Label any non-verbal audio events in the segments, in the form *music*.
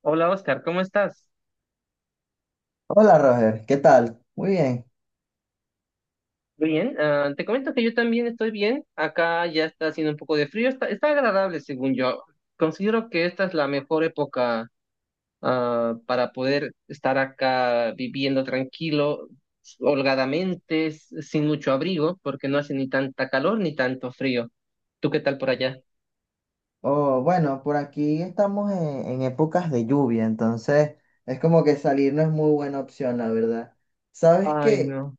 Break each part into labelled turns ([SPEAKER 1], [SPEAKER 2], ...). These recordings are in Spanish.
[SPEAKER 1] Hola Oscar, ¿cómo estás?
[SPEAKER 2] Hola Roger, ¿qué tal? Muy bien.
[SPEAKER 1] Bien, te comento que yo también estoy bien. Acá ya está haciendo un poco de frío, está agradable según yo. Considero que esta es la mejor época para poder estar acá viviendo tranquilo, holgadamente, sin mucho abrigo, porque no hace ni tanta calor ni tanto frío. ¿Tú qué tal por allá?
[SPEAKER 2] Oh, bueno, por aquí en épocas de lluvia, entonces es como que salir no es muy buena opción, la verdad. ¿Sabes
[SPEAKER 1] Ay,
[SPEAKER 2] qué?
[SPEAKER 1] no,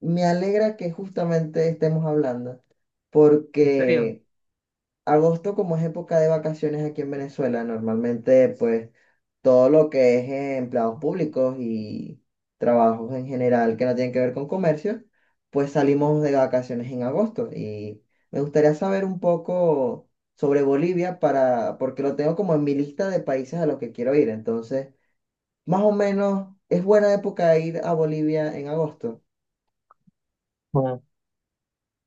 [SPEAKER 2] Me alegra que justamente estemos hablando,
[SPEAKER 1] en serio.
[SPEAKER 2] porque agosto, como es época de vacaciones aquí en Venezuela, normalmente pues todo lo que es empleados públicos y trabajos en general que no tienen que ver con comercio, pues salimos de vacaciones en agosto. Y me gustaría saber un poco sobre Bolivia porque lo tengo como en mi lista de países a los que quiero ir. Entonces, más o menos, ¿es buena época ir a Bolivia en agosto?
[SPEAKER 1] Ah,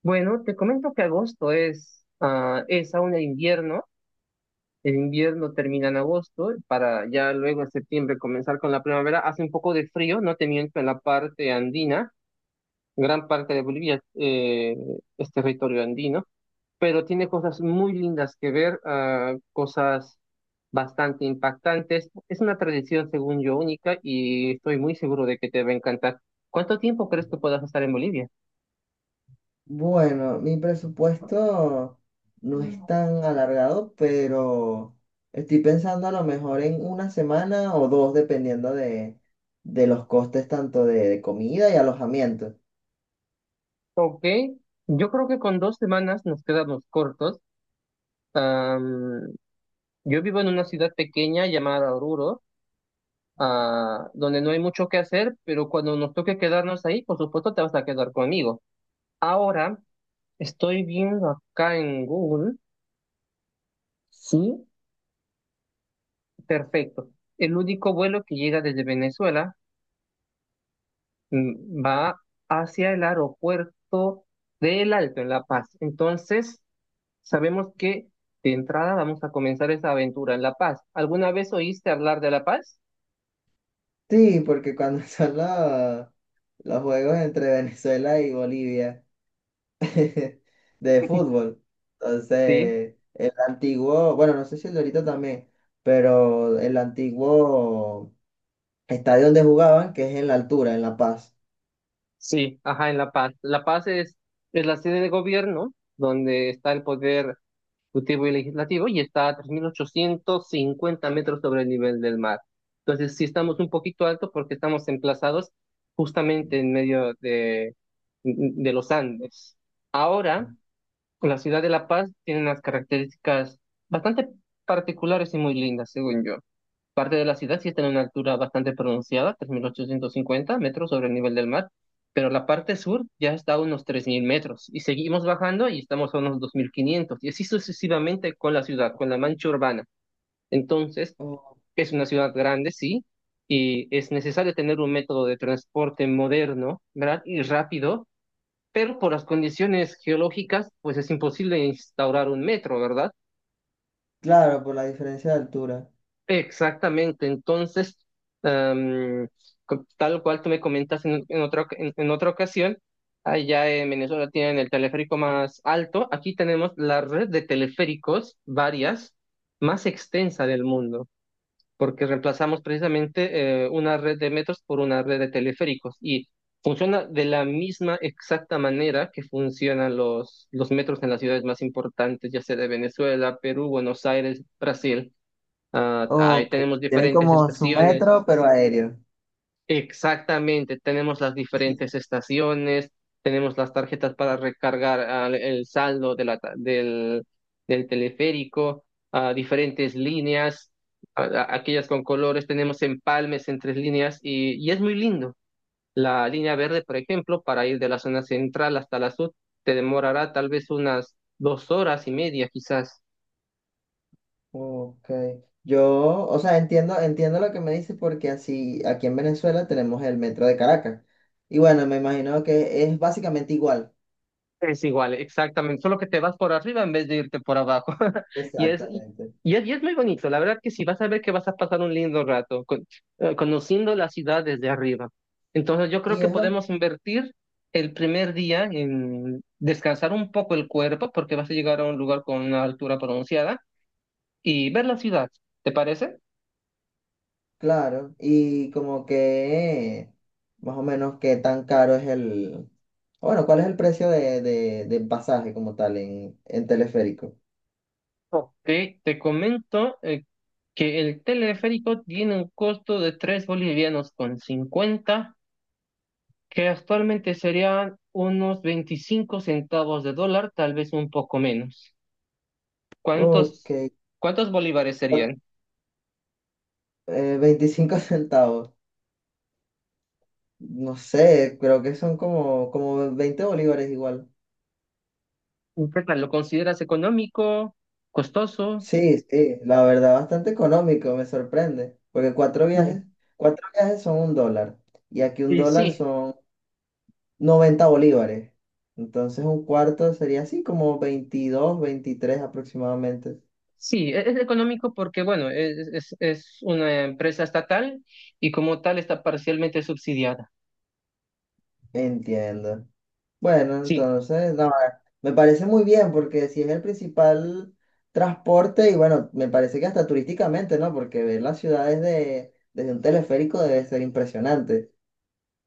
[SPEAKER 1] Bueno, te comento que agosto es aún el invierno. El invierno termina en agosto para ya luego en septiembre comenzar con la primavera. Hace un poco de frío, no te miento, en la parte andina. Gran parte de Bolivia es territorio andino, pero tiene cosas muy lindas que ver, cosas bastante impactantes. Es una tradición, según yo, única, y estoy muy seguro de que te va a encantar. ¿Cuánto tiempo crees que puedas estar en Bolivia?
[SPEAKER 2] Bueno, mi presupuesto no es tan alargado, pero estoy pensando a lo mejor en una semana o dos, dependiendo de los costes tanto de comida y alojamiento.
[SPEAKER 1] Ok, yo creo que con 2 semanas nos quedamos cortos. Am, Yo vivo en una ciudad pequeña llamada Oruro, donde no hay mucho que hacer, pero cuando nos toque quedarnos ahí, por supuesto te vas a quedar conmigo. Ahora estoy viendo acá en Google, sí, perfecto. El único vuelo que llega desde Venezuela va hacia el aeropuerto del Alto, en La Paz. Entonces, sabemos que de entrada vamos a comenzar esa aventura en La Paz. ¿Alguna vez oíste hablar de La Paz?
[SPEAKER 2] Sí, porque cuando *laughs* son los juegos entre Venezuela y Bolivia *laughs* de fútbol,
[SPEAKER 1] Sí.
[SPEAKER 2] entonces el antiguo, bueno, no sé si el de ahorita también, pero el antiguo estadio donde jugaban, que es en la altura, en La Paz.
[SPEAKER 1] Sí, ajá, en La Paz. La Paz es la sede de gobierno donde está el poder ejecutivo y legislativo, y está a 3.850 metros sobre el nivel del mar. Entonces, sí estamos un poquito alto porque estamos emplazados justamente en medio de los Andes. Ahora, la ciudad de La Paz tiene unas características bastante particulares y muy lindas, según yo. Parte de la ciudad sí está en una altura bastante pronunciada, 3.850 metros sobre el nivel del mar, pero la parte sur ya está a unos 3.000 metros, y seguimos bajando y estamos a unos 2.500, y así sucesivamente con la ciudad, con la mancha urbana. Entonces, es una ciudad grande, sí, y es necesario tener un método de transporte moderno, ¿verdad? Y rápido, pero por las condiciones geológicas, pues es imposible instaurar un metro, ¿verdad?
[SPEAKER 2] Claro, por la diferencia de altura.
[SPEAKER 1] Exactamente, entonces, am, tal cual tú me comentas en otra ocasión, allá en Venezuela tienen el teleférico más alto; aquí tenemos la red de teleféricos, varias, más extensa del mundo, porque reemplazamos precisamente una red de metros por una red de teleféricos, y funciona de la misma exacta manera que funcionan los metros en las ciudades más importantes, ya sea de Venezuela, Perú, Buenos Aires, Brasil. Ah, ahí
[SPEAKER 2] Ok,
[SPEAKER 1] tenemos
[SPEAKER 2] tienen
[SPEAKER 1] diferentes
[SPEAKER 2] como su
[SPEAKER 1] estaciones.
[SPEAKER 2] metro, pero aéreo.
[SPEAKER 1] Exactamente, tenemos las diferentes estaciones, tenemos las tarjetas para recargar el saldo de del teleférico, diferentes líneas, aquellas con colores; tenemos empalmes en tres líneas, y es muy lindo. La línea verde, por ejemplo, para ir de la zona central hasta la sur, te demorará tal vez unas 2 horas y media, quizás.
[SPEAKER 2] Ok. Yo, o sea, entiendo lo que me dices porque así aquí en Venezuela tenemos el metro de Caracas. Y bueno, me imagino que es básicamente igual.
[SPEAKER 1] Es igual, exactamente, solo que te vas por arriba en vez de irte por abajo. *laughs* Y es, y,
[SPEAKER 2] Exactamente.
[SPEAKER 1] y es muy bonito, la verdad que sí; vas a ver que vas a pasar un lindo rato conociendo la ciudad desde arriba. Entonces yo creo
[SPEAKER 2] Y
[SPEAKER 1] que
[SPEAKER 2] es, ba-
[SPEAKER 1] podemos invertir el primer día en descansar un poco el cuerpo, porque vas a llegar a un lugar con una altura pronunciada, y ver la ciudad. ¿Te parece?
[SPEAKER 2] claro, y como que más o menos qué tan caro es el, o bueno, cuál es el precio de pasaje como tal en teleférico.
[SPEAKER 1] Ok, te comento que el teleférico tiene un costo de 3,50 bolivianos, que actualmente serían unos 25 centavos de dólar, tal vez un poco menos.
[SPEAKER 2] Ok,
[SPEAKER 1] ¿Cuántos, cuántos bolívares serían?
[SPEAKER 2] 25 *laughs* centavos. No sé, creo que son como 20 bolívares igual.
[SPEAKER 1] ¿Qué tal? ¿Lo consideras económico, costoso?
[SPEAKER 2] Sí, sí, la verdad, bastante económico, me sorprende, porque cuatro viajes son un dólar, y aquí un
[SPEAKER 1] Y sí,
[SPEAKER 2] dólar son 90 bolívares, entonces un cuarto sería así como 22, 23 aproximadamente.
[SPEAKER 1] sí, es económico porque, bueno, es una empresa estatal y como tal está parcialmente subsidiada.
[SPEAKER 2] Entiendo. Bueno,
[SPEAKER 1] Sí,
[SPEAKER 2] entonces, no, me parece muy bien porque si es el principal transporte y bueno, me parece que hasta turísticamente, ¿no? Porque ver las ciudades desde un teleférico debe ser impresionante.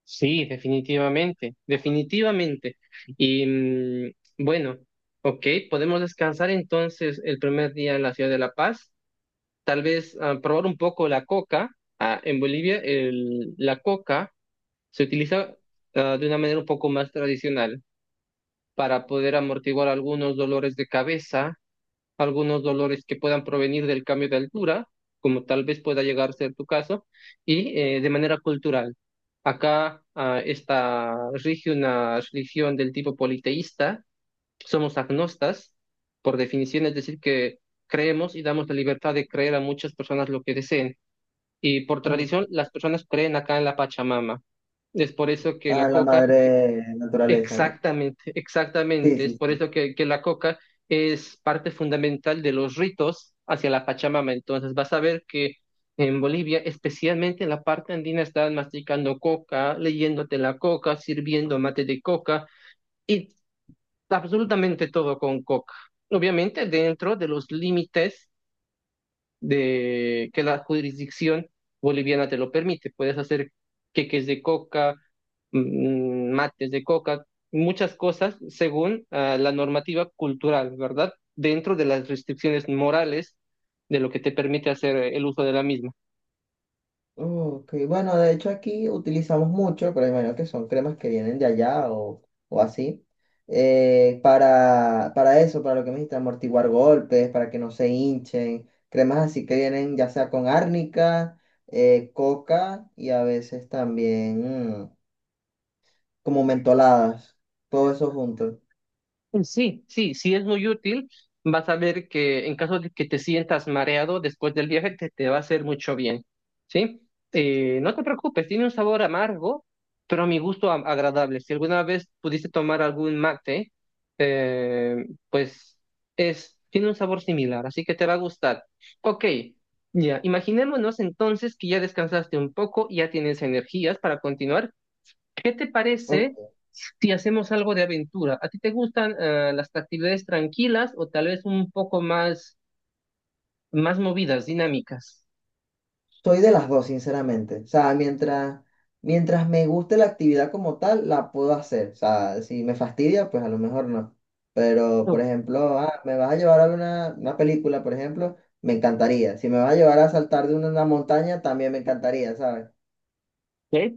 [SPEAKER 1] sí, definitivamente, definitivamente. Y bueno, ok, podemos descansar entonces el primer día en la ciudad de La Paz, tal vez probar un poco la coca. En Bolivia la coca se utiliza de una manera un poco más tradicional, para poder amortiguar algunos dolores de cabeza, algunos dolores que puedan provenir del cambio de altura, como tal vez pueda llegar a ser tu caso, y de manera cultural. Acá está rige una religión del tipo politeísta; somos agnostas, por definición, es decir, que creemos y damos la libertad de creer a muchas personas lo que deseen. Y por tradición,
[SPEAKER 2] Mm.
[SPEAKER 1] las personas creen acá en la Pachamama. Es por eso que la
[SPEAKER 2] A la
[SPEAKER 1] coca,
[SPEAKER 2] madre naturaleza, ¿no?
[SPEAKER 1] exactamente,
[SPEAKER 2] Sí,
[SPEAKER 1] exactamente, es
[SPEAKER 2] sí,
[SPEAKER 1] por
[SPEAKER 2] sí.
[SPEAKER 1] eso que la coca es parte fundamental de los ritos hacia la Pachamama. Entonces vas a ver que en Bolivia, especialmente en la parte andina, están masticando coca, leyéndote la coca, sirviendo mate de coca y absolutamente todo con coca. Obviamente dentro de los límites de que la jurisdicción boliviana te lo permite. Puedes hacer queques de coca, mates de coca, muchas cosas según la normativa cultural, ¿verdad? Dentro de las restricciones morales de lo que te permite hacer el uso de la misma.
[SPEAKER 2] Ok, bueno, de hecho aquí utilizamos mucho, pero imagino que son cremas que vienen de allá o así, para eso, para lo que me dijiste, amortiguar golpes, para que no se hinchen, cremas así que vienen ya sea con árnica, coca y a veces también mm, como mentoladas, todo eso junto.
[SPEAKER 1] Sí, sí, sí es muy útil. Vas a ver que, en caso de que te sientas mareado después del viaje, te va a hacer mucho bien, ¿sí? No te preocupes, tiene un sabor amargo, pero a mi gusto agradable. Si alguna vez pudiste tomar algún mate, pues tiene un sabor similar, así que te va a gustar. Ok, ya, imaginémonos entonces que ya descansaste un poco y ya tienes energías para continuar. ¿Qué te parece
[SPEAKER 2] Ok,
[SPEAKER 1] si hacemos algo de aventura? ¿A ti te gustan las actividades tranquilas, o tal vez un poco más, más movidas, dinámicas?
[SPEAKER 2] soy de las dos, sinceramente. O sea, mientras me guste la actividad como tal, la puedo hacer. O sea, si me fastidia, pues a lo mejor no. Pero, por
[SPEAKER 1] Ok,
[SPEAKER 2] ejemplo, ah, me vas a llevar a ver una película, por ejemplo, me encantaría. Si me vas a llevar a saltar de una montaña, también me encantaría, ¿sabes?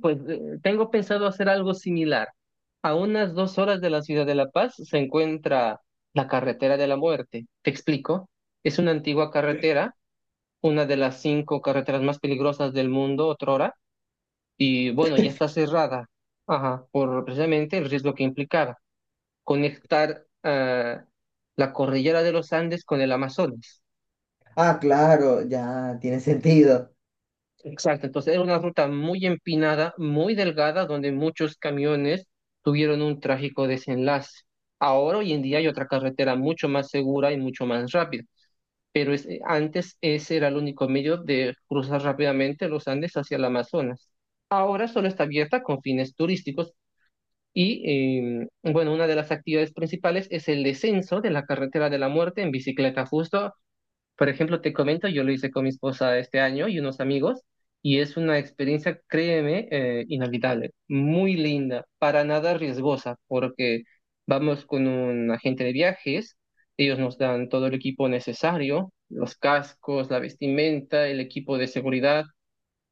[SPEAKER 1] pues tengo pensado hacer algo similar. A unas 2 horas de la ciudad de La Paz se encuentra la carretera de la muerte. Te explico. Es una antigua carretera, una de las cinco carreteras más peligrosas del mundo, otrora, y bueno, ya está cerrada, ajá, por precisamente el riesgo que implicaba conectar la cordillera de los Andes con el Amazonas.
[SPEAKER 2] Ah, claro, ya tiene sentido.
[SPEAKER 1] Exacto, entonces era una ruta muy empinada, muy delgada, donde muchos camiones tuvieron un trágico desenlace. Ahora, hoy en día, hay otra carretera mucho más segura y mucho más rápida, pero antes ese era el único medio de cruzar rápidamente los Andes hacia el Amazonas. Ahora solo está abierta con fines turísticos y, bueno, una de las actividades principales es el descenso de la carretera de la muerte en bicicleta. Justo Por ejemplo, te comento, yo lo hice con mi esposa este año y unos amigos, y es una experiencia, créeme, inolvidable, muy linda, para nada riesgosa, porque vamos con un agente de viajes; ellos nos dan todo el equipo necesario, los cascos, la vestimenta, el equipo de seguridad,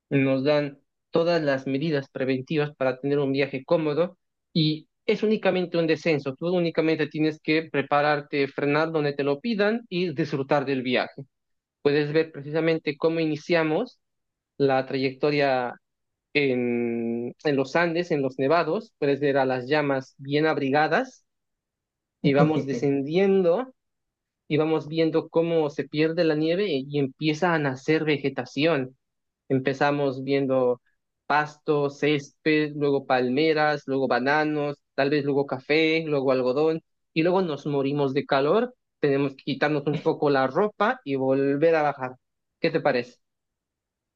[SPEAKER 1] nos dan todas las medidas preventivas para tener un viaje cómodo, y es únicamente un descenso; tú únicamente tienes que prepararte, frenar donde te lo pidan y disfrutar del viaje. Puedes ver precisamente cómo iniciamos la trayectoria en los Andes, en los nevados; puedes ver a las llamas bien abrigadas, y vamos
[SPEAKER 2] *laughs*
[SPEAKER 1] descendiendo y vamos viendo cómo se pierde la nieve, y empieza a nacer vegetación. Empezamos viendo pasto, césped, luego palmeras, luego bananos, tal vez luego café, luego algodón, y luego nos morimos de calor, tenemos que quitarnos un poco la ropa y volver a bajar. ¿Qué te parece?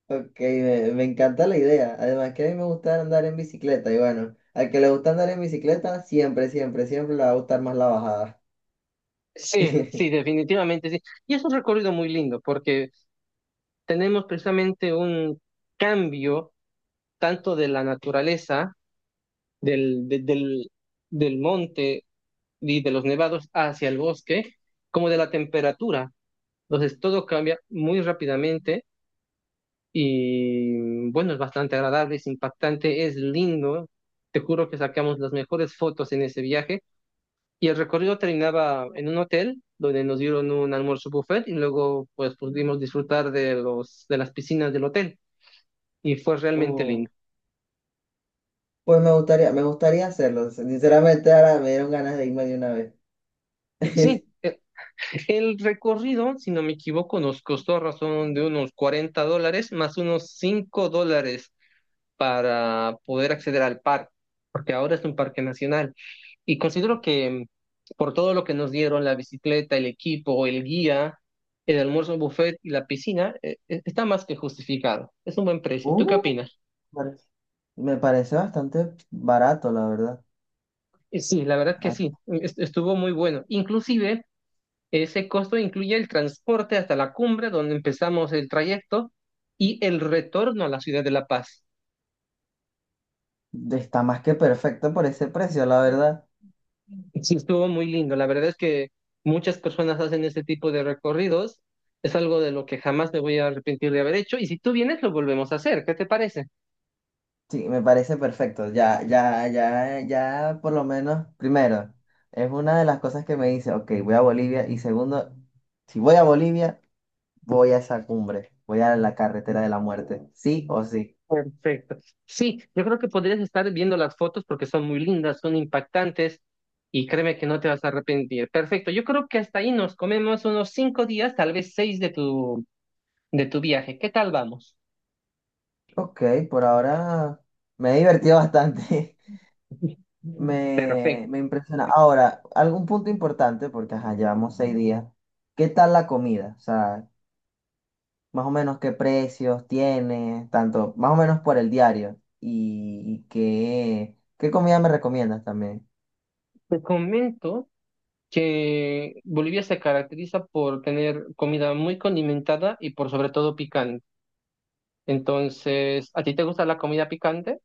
[SPEAKER 2] Ok, me encanta la idea. Además que a mí me gusta andar en bicicleta y bueno, al que le gusta andar en bicicleta, siempre, siempre, siempre le va a gustar más la bajada.
[SPEAKER 1] Sí, sí,
[SPEAKER 2] *laughs*
[SPEAKER 1] definitivamente sí. Y es un recorrido muy lindo porque tenemos precisamente un cambio, tanto de la naturaleza, del, de- del, del monte y de los nevados hacia el bosque, como de la temperatura. Entonces todo cambia muy rápidamente, y bueno, es bastante agradable, es impactante, es lindo. Te juro que sacamos las mejores fotos en ese viaje. Y el recorrido terminaba en un hotel donde nos dieron un almuerzo buffet, y luego pues pudimos disfrutar de los de las piscinas del hotel, y fue realmente
[SPEAKER 2] Oh.
[SPEAKER 1] lindo.
[SPEAKER 2] Pues me gustaría hacerlo. Sinceramente, ahora me dieron ganas de irme de una vez.
[SPEAKER 1] Sí, el recorrido, si no me equivoco, nos costó a razón de unos 40 dólares más unos 5 dólares para poder acceder al parque, porque ahora es un parque nacional. Y considero que por todo lo que nos dieron, la bicicleta, el equipo, el guía, el almuerzo buffet y la piscina, está más que justificado. Es un buen precio. ¿Tú qué
[SPEAKER 2] Uh,
[SPEAKER 1] opinas?
[SPEAKER 2] pare- me parece bastante barato, la verdad.
[SPEAKER 1] Sí, la verdad que
[SPEAKER 2] Ah,
[SPEAKER 1] sí, estuvo muy bueno. Inclusive, ese costo incluye el transporte hasta la cumbre, donde empezamos el trayecto, y el retorno a la ciudad de La Paz.
[SPEAKER 2] está más que perfecto por ese precio, la verdad.
[SPEAKER 1] Sí, estuvo muy lindo. La verdad es que muchas personas hacen este tipo de recorridos. Es algo de lo que jamás me voy a arrepentir de haber hecho. Y si tú vienes, lo volvemos a hacer. ¿Qué te parece?
[SPEAKER 2] Sí, me parece perfecto. Ya, ya, ya, ya, por lo menos, primero, es una de las cosas que me dice, ok, voy a Bolivia. Y segundo, si voy a Bolivia, voy a esa cumbre, voy a la carretera de la muerte, sí o sí.
[SPEAKER 1] Perfecto. Sí, yo creo que podrías estar viendo las fotos porque son muy lindas, son impactantes, y créeme que no te vas a arrepentir. Perfecto. Yo creo que hasta ahí nos comemos unos 5 días, tal vez seis de tu viaje. ¿Qué tal vamos?
[SPEAKER 2] Ok, por ahora me he divertido bastante. *laughs*
[SPEAKER 1] *laughs* Perfecto.
[SPEAKER 2] Me impresiona. Ahora, algún punto importante, porque ajá, llevamos seis días. ¿Qué tal la comida? O sea, más o menos qué precios tiene, tanto, más o menos por el diario. Y, qué comida me recomiendas también.
[SPEAKER 1] Te comento que Bolivia se caracteriza por tener comida muy condimentada y por sobre todo picante. Entonces, ¿a ti te gusta la comida picante?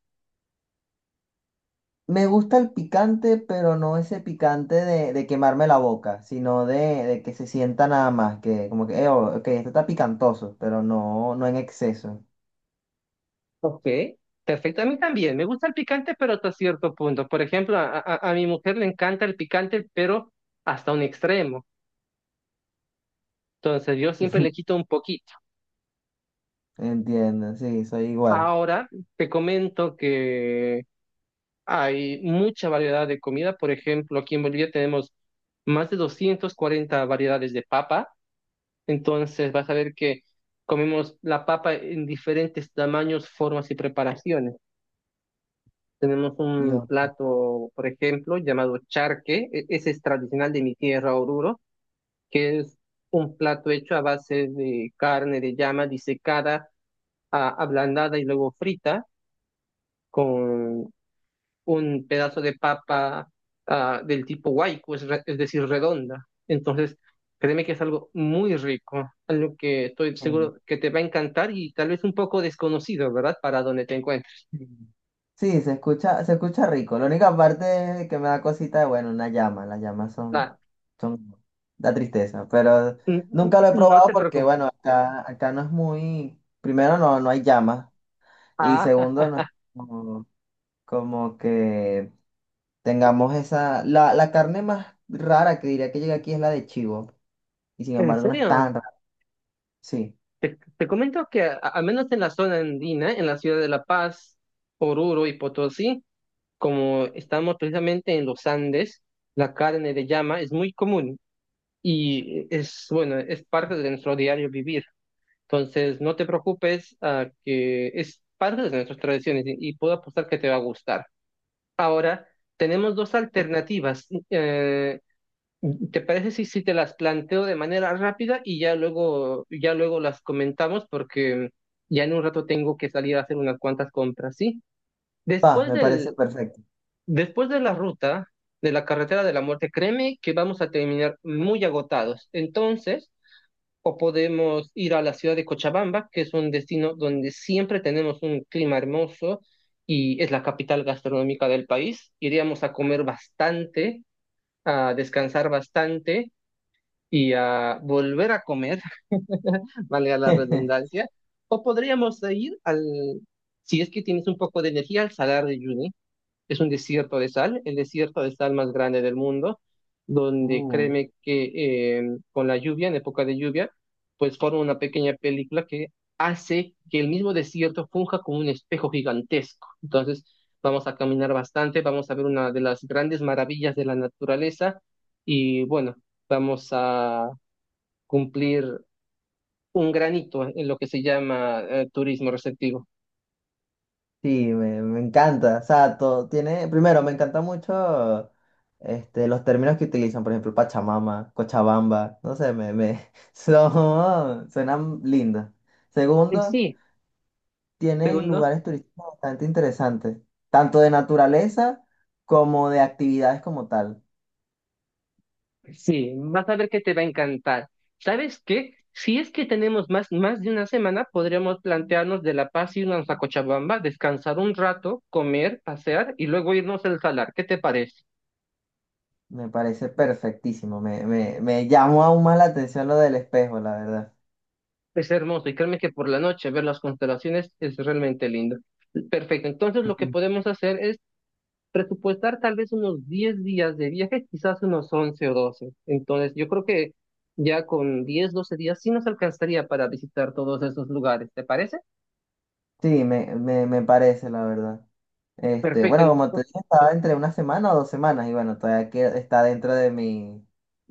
[SPEAKER 2] Me gusta el picante, pero no ese picante de quemarme la boca, sino de que se sienta nada más, que como que, oh, ok, esto está picantoso, pero no, no en exceso.
[SPEAKER 1] Ok, perfecto. A mí también, me gusta el picante, pero hasta cierto punto. Por ejemplo, a mi mujer le encanta el picante, pero hasta un extremo. Entonces, yo siempre le
[SPEAKER 2] *laughs*
[SPEAKER 1] quito un poquito.
[SPEAKER 2] Entiendo, sí, soy igual.
[SPEAKER 1] Ahora, te comento que hay mucha variedad de comida. Por ejemplo, aquí en Bolivia tenemos más de 240 variedades de papa. Entonces vas a ver que comemos la papa en diferentes tamaños, formas y preparaciones. Tenemos un
[SPEAKER 2] Dios.
[SPEAKER 1] plato, por ejemplo, llamado charque. Ese es tradicional de mi tierra, Oruro, que es un plato hecho a base de carne de llama disecada, ablandada y luego frita con un pedazo de papa del tipo waiku, es, es decir, redonda. Entonces, créeme que es algo muy rico, algo que estoy seguro que te va a encantar y tal vez un poco desconocido, ¿verdad? Para donde te encuentres.
[SPEAKER 2] Mm. Sí, se escucha rico. La única parte que me da cosita es, bueno, una llama. Las llamas son,
[SPEAKER 1] Ah,
[SPEAKER 2] son, da tristeza. Pero nunca lo he
[SPEAKER 1] no
[SPEAKER 2] probado
[SPEAKER 1] te
[SPEAKER 2] porque,
[SPEAKER 1] preocupes.
[SPEAKER 2] bueno, acá, acá no es muy, primero no, no hay llamas. Y segundo, no es
[SPEAKER 1] Ah,
[SPEAKER 2] como, como que tengamos esa, la carne más rara que diría que llega aquí es la de chivo. Y sin
[SPEAKER 1] *laughs* ¿en
[SPEAKER 2] embargo no es
[SPEAKER 1] serio?
[SPEAKER 2] tan rara. Sí.
[SPEAKER 1] Te comento que al menos en la zona andina, en la ciudad de La Paz, Oruro y Potosí, como estamos precisamente en los Andes, la carne de llama es muy común y es, bueno, es parte de nuestro diario vivir. Entonces, no te preocupes, que es parte de nuestras tradiciones y puedo apostar que te va a gustar. Ahora, tenemos dos alternativas. ¿Te parece si, si te las planteo de manera rápida y ya luego las comentamos, porque ya en un rato tengo que salir a hacer unas cuantas compras, sí?
[SPEAKER 2] Va,
[SPEAKER 1] Después
[SPEAKER 2] me parece
[SPEAKER 1] del,
[SPEAKER 2] perfecto.
[SPEAKER 1] Después de la ruta de la carretera de la muerte, créeme que vamos a terminar muy agotados. Entonces, o podemos ir a la ciudad de Cochabamba, que es un destino donde siempre tenemos un clima hermoso y es la capital gastronómica del país. Iríamos a comer bastante, a descansar bastante y a volver a comer, *laughs* valga la
[SPEAKER 2] *laughs*
[SPEAKER 1] redundancia. O podríamos ir al, si es que tienes un poco de energía, al Salar de Uyuni. Es un desierto de sal, el desierto de sal más grande del mundo, donde
[SPEAKER 2] Uh.
[SPEAKER 1] créeme que con la lluvia, en época de lluvia, pues forma una pequeña película que hace que el mismo desierto funja como un espejo gigantesco. Entonces, vamos a caminar bastante, vamos a ver una de las grandes maravillas de la naturaleza y bueno, vamos a cumplir un granito en lo que se llama turismo receptivo.
[SPEAKER 2] Sí, me encanta. O sea, todo tiene. Primero, me encanta mucho este, los términos que utilizan, por ejemplo, Pachamama, Cochabamba. No sé, me *laughs* son, suenan lindos. Segundo,
[SPEAKER 1] Sí,
[SPEAKER 2] tienen
[SPEAKER 1] segundo.
[SPEAKER 2] lugares turísticos bastante interesantes, tanto de naturaleza como de actividades como tal.
[SPEAKER 1] Sí, vas a ver que te va a encantar. ¿Sabes qué? Si es que tenemos más de una semana, podríamos plantearnos de La Paz irnos a Cochabamba, descansar un rato, comer, pasear y luego irnos al salar. ¿Qué te parece?
[SPEAKER 2] Me parece perfectísimo. Me llamó aún más la atención lo del espejo, la verdad.
[SPEAKER 1] Es hermoso y créeme que por la noche ver las constelaciones es realmente lindo. Perfecto, entonces lo que
[SPEAKER 2] Ujú.
[SPEAKER 1] podemos hacer es presupuestar tal vez unos 10 días de viaje, quizás unos 11 o 12. Entonces yo creo que ya con 10, 12 días sí nos alcanzaría para visitar todos esos lugares. ¿Te parece?
[SPEAKER 2] Sí, me parece, la verdad. Este,
[SPEAKER 1] Perfecto,
[SPEAKER 2] bueno, como te dije, estaba entre una semana o dos semanas y bueno, todavía que está dentro de mi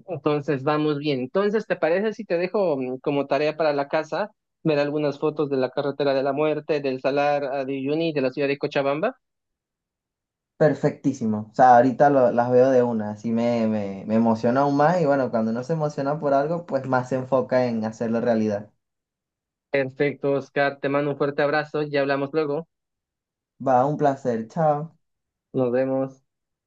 [SPEAKER 1] entonces vamos bien. Entonces, ¿te parece si te dejo como tarea para la casa ver algunas fotos de la carretera de la muerte, del Salar a de Uyuni, de la ciudad de Cochabamba?
[SPEAKER 2] perfectísimo. O sea, ahorita lo- las veo de una, así me, me, me emociona aún más y bueno, cuando uno se emociona por algo, pues más se enfoca en hacerlo realidad.
[SPEAKER 1] Perfecto, Oscar, te mando un fuerte abrazo, ya hablamos luego.
[SPEAKER 2] Va, un placer, chao.
[SPEAKER 1] Nos vemos.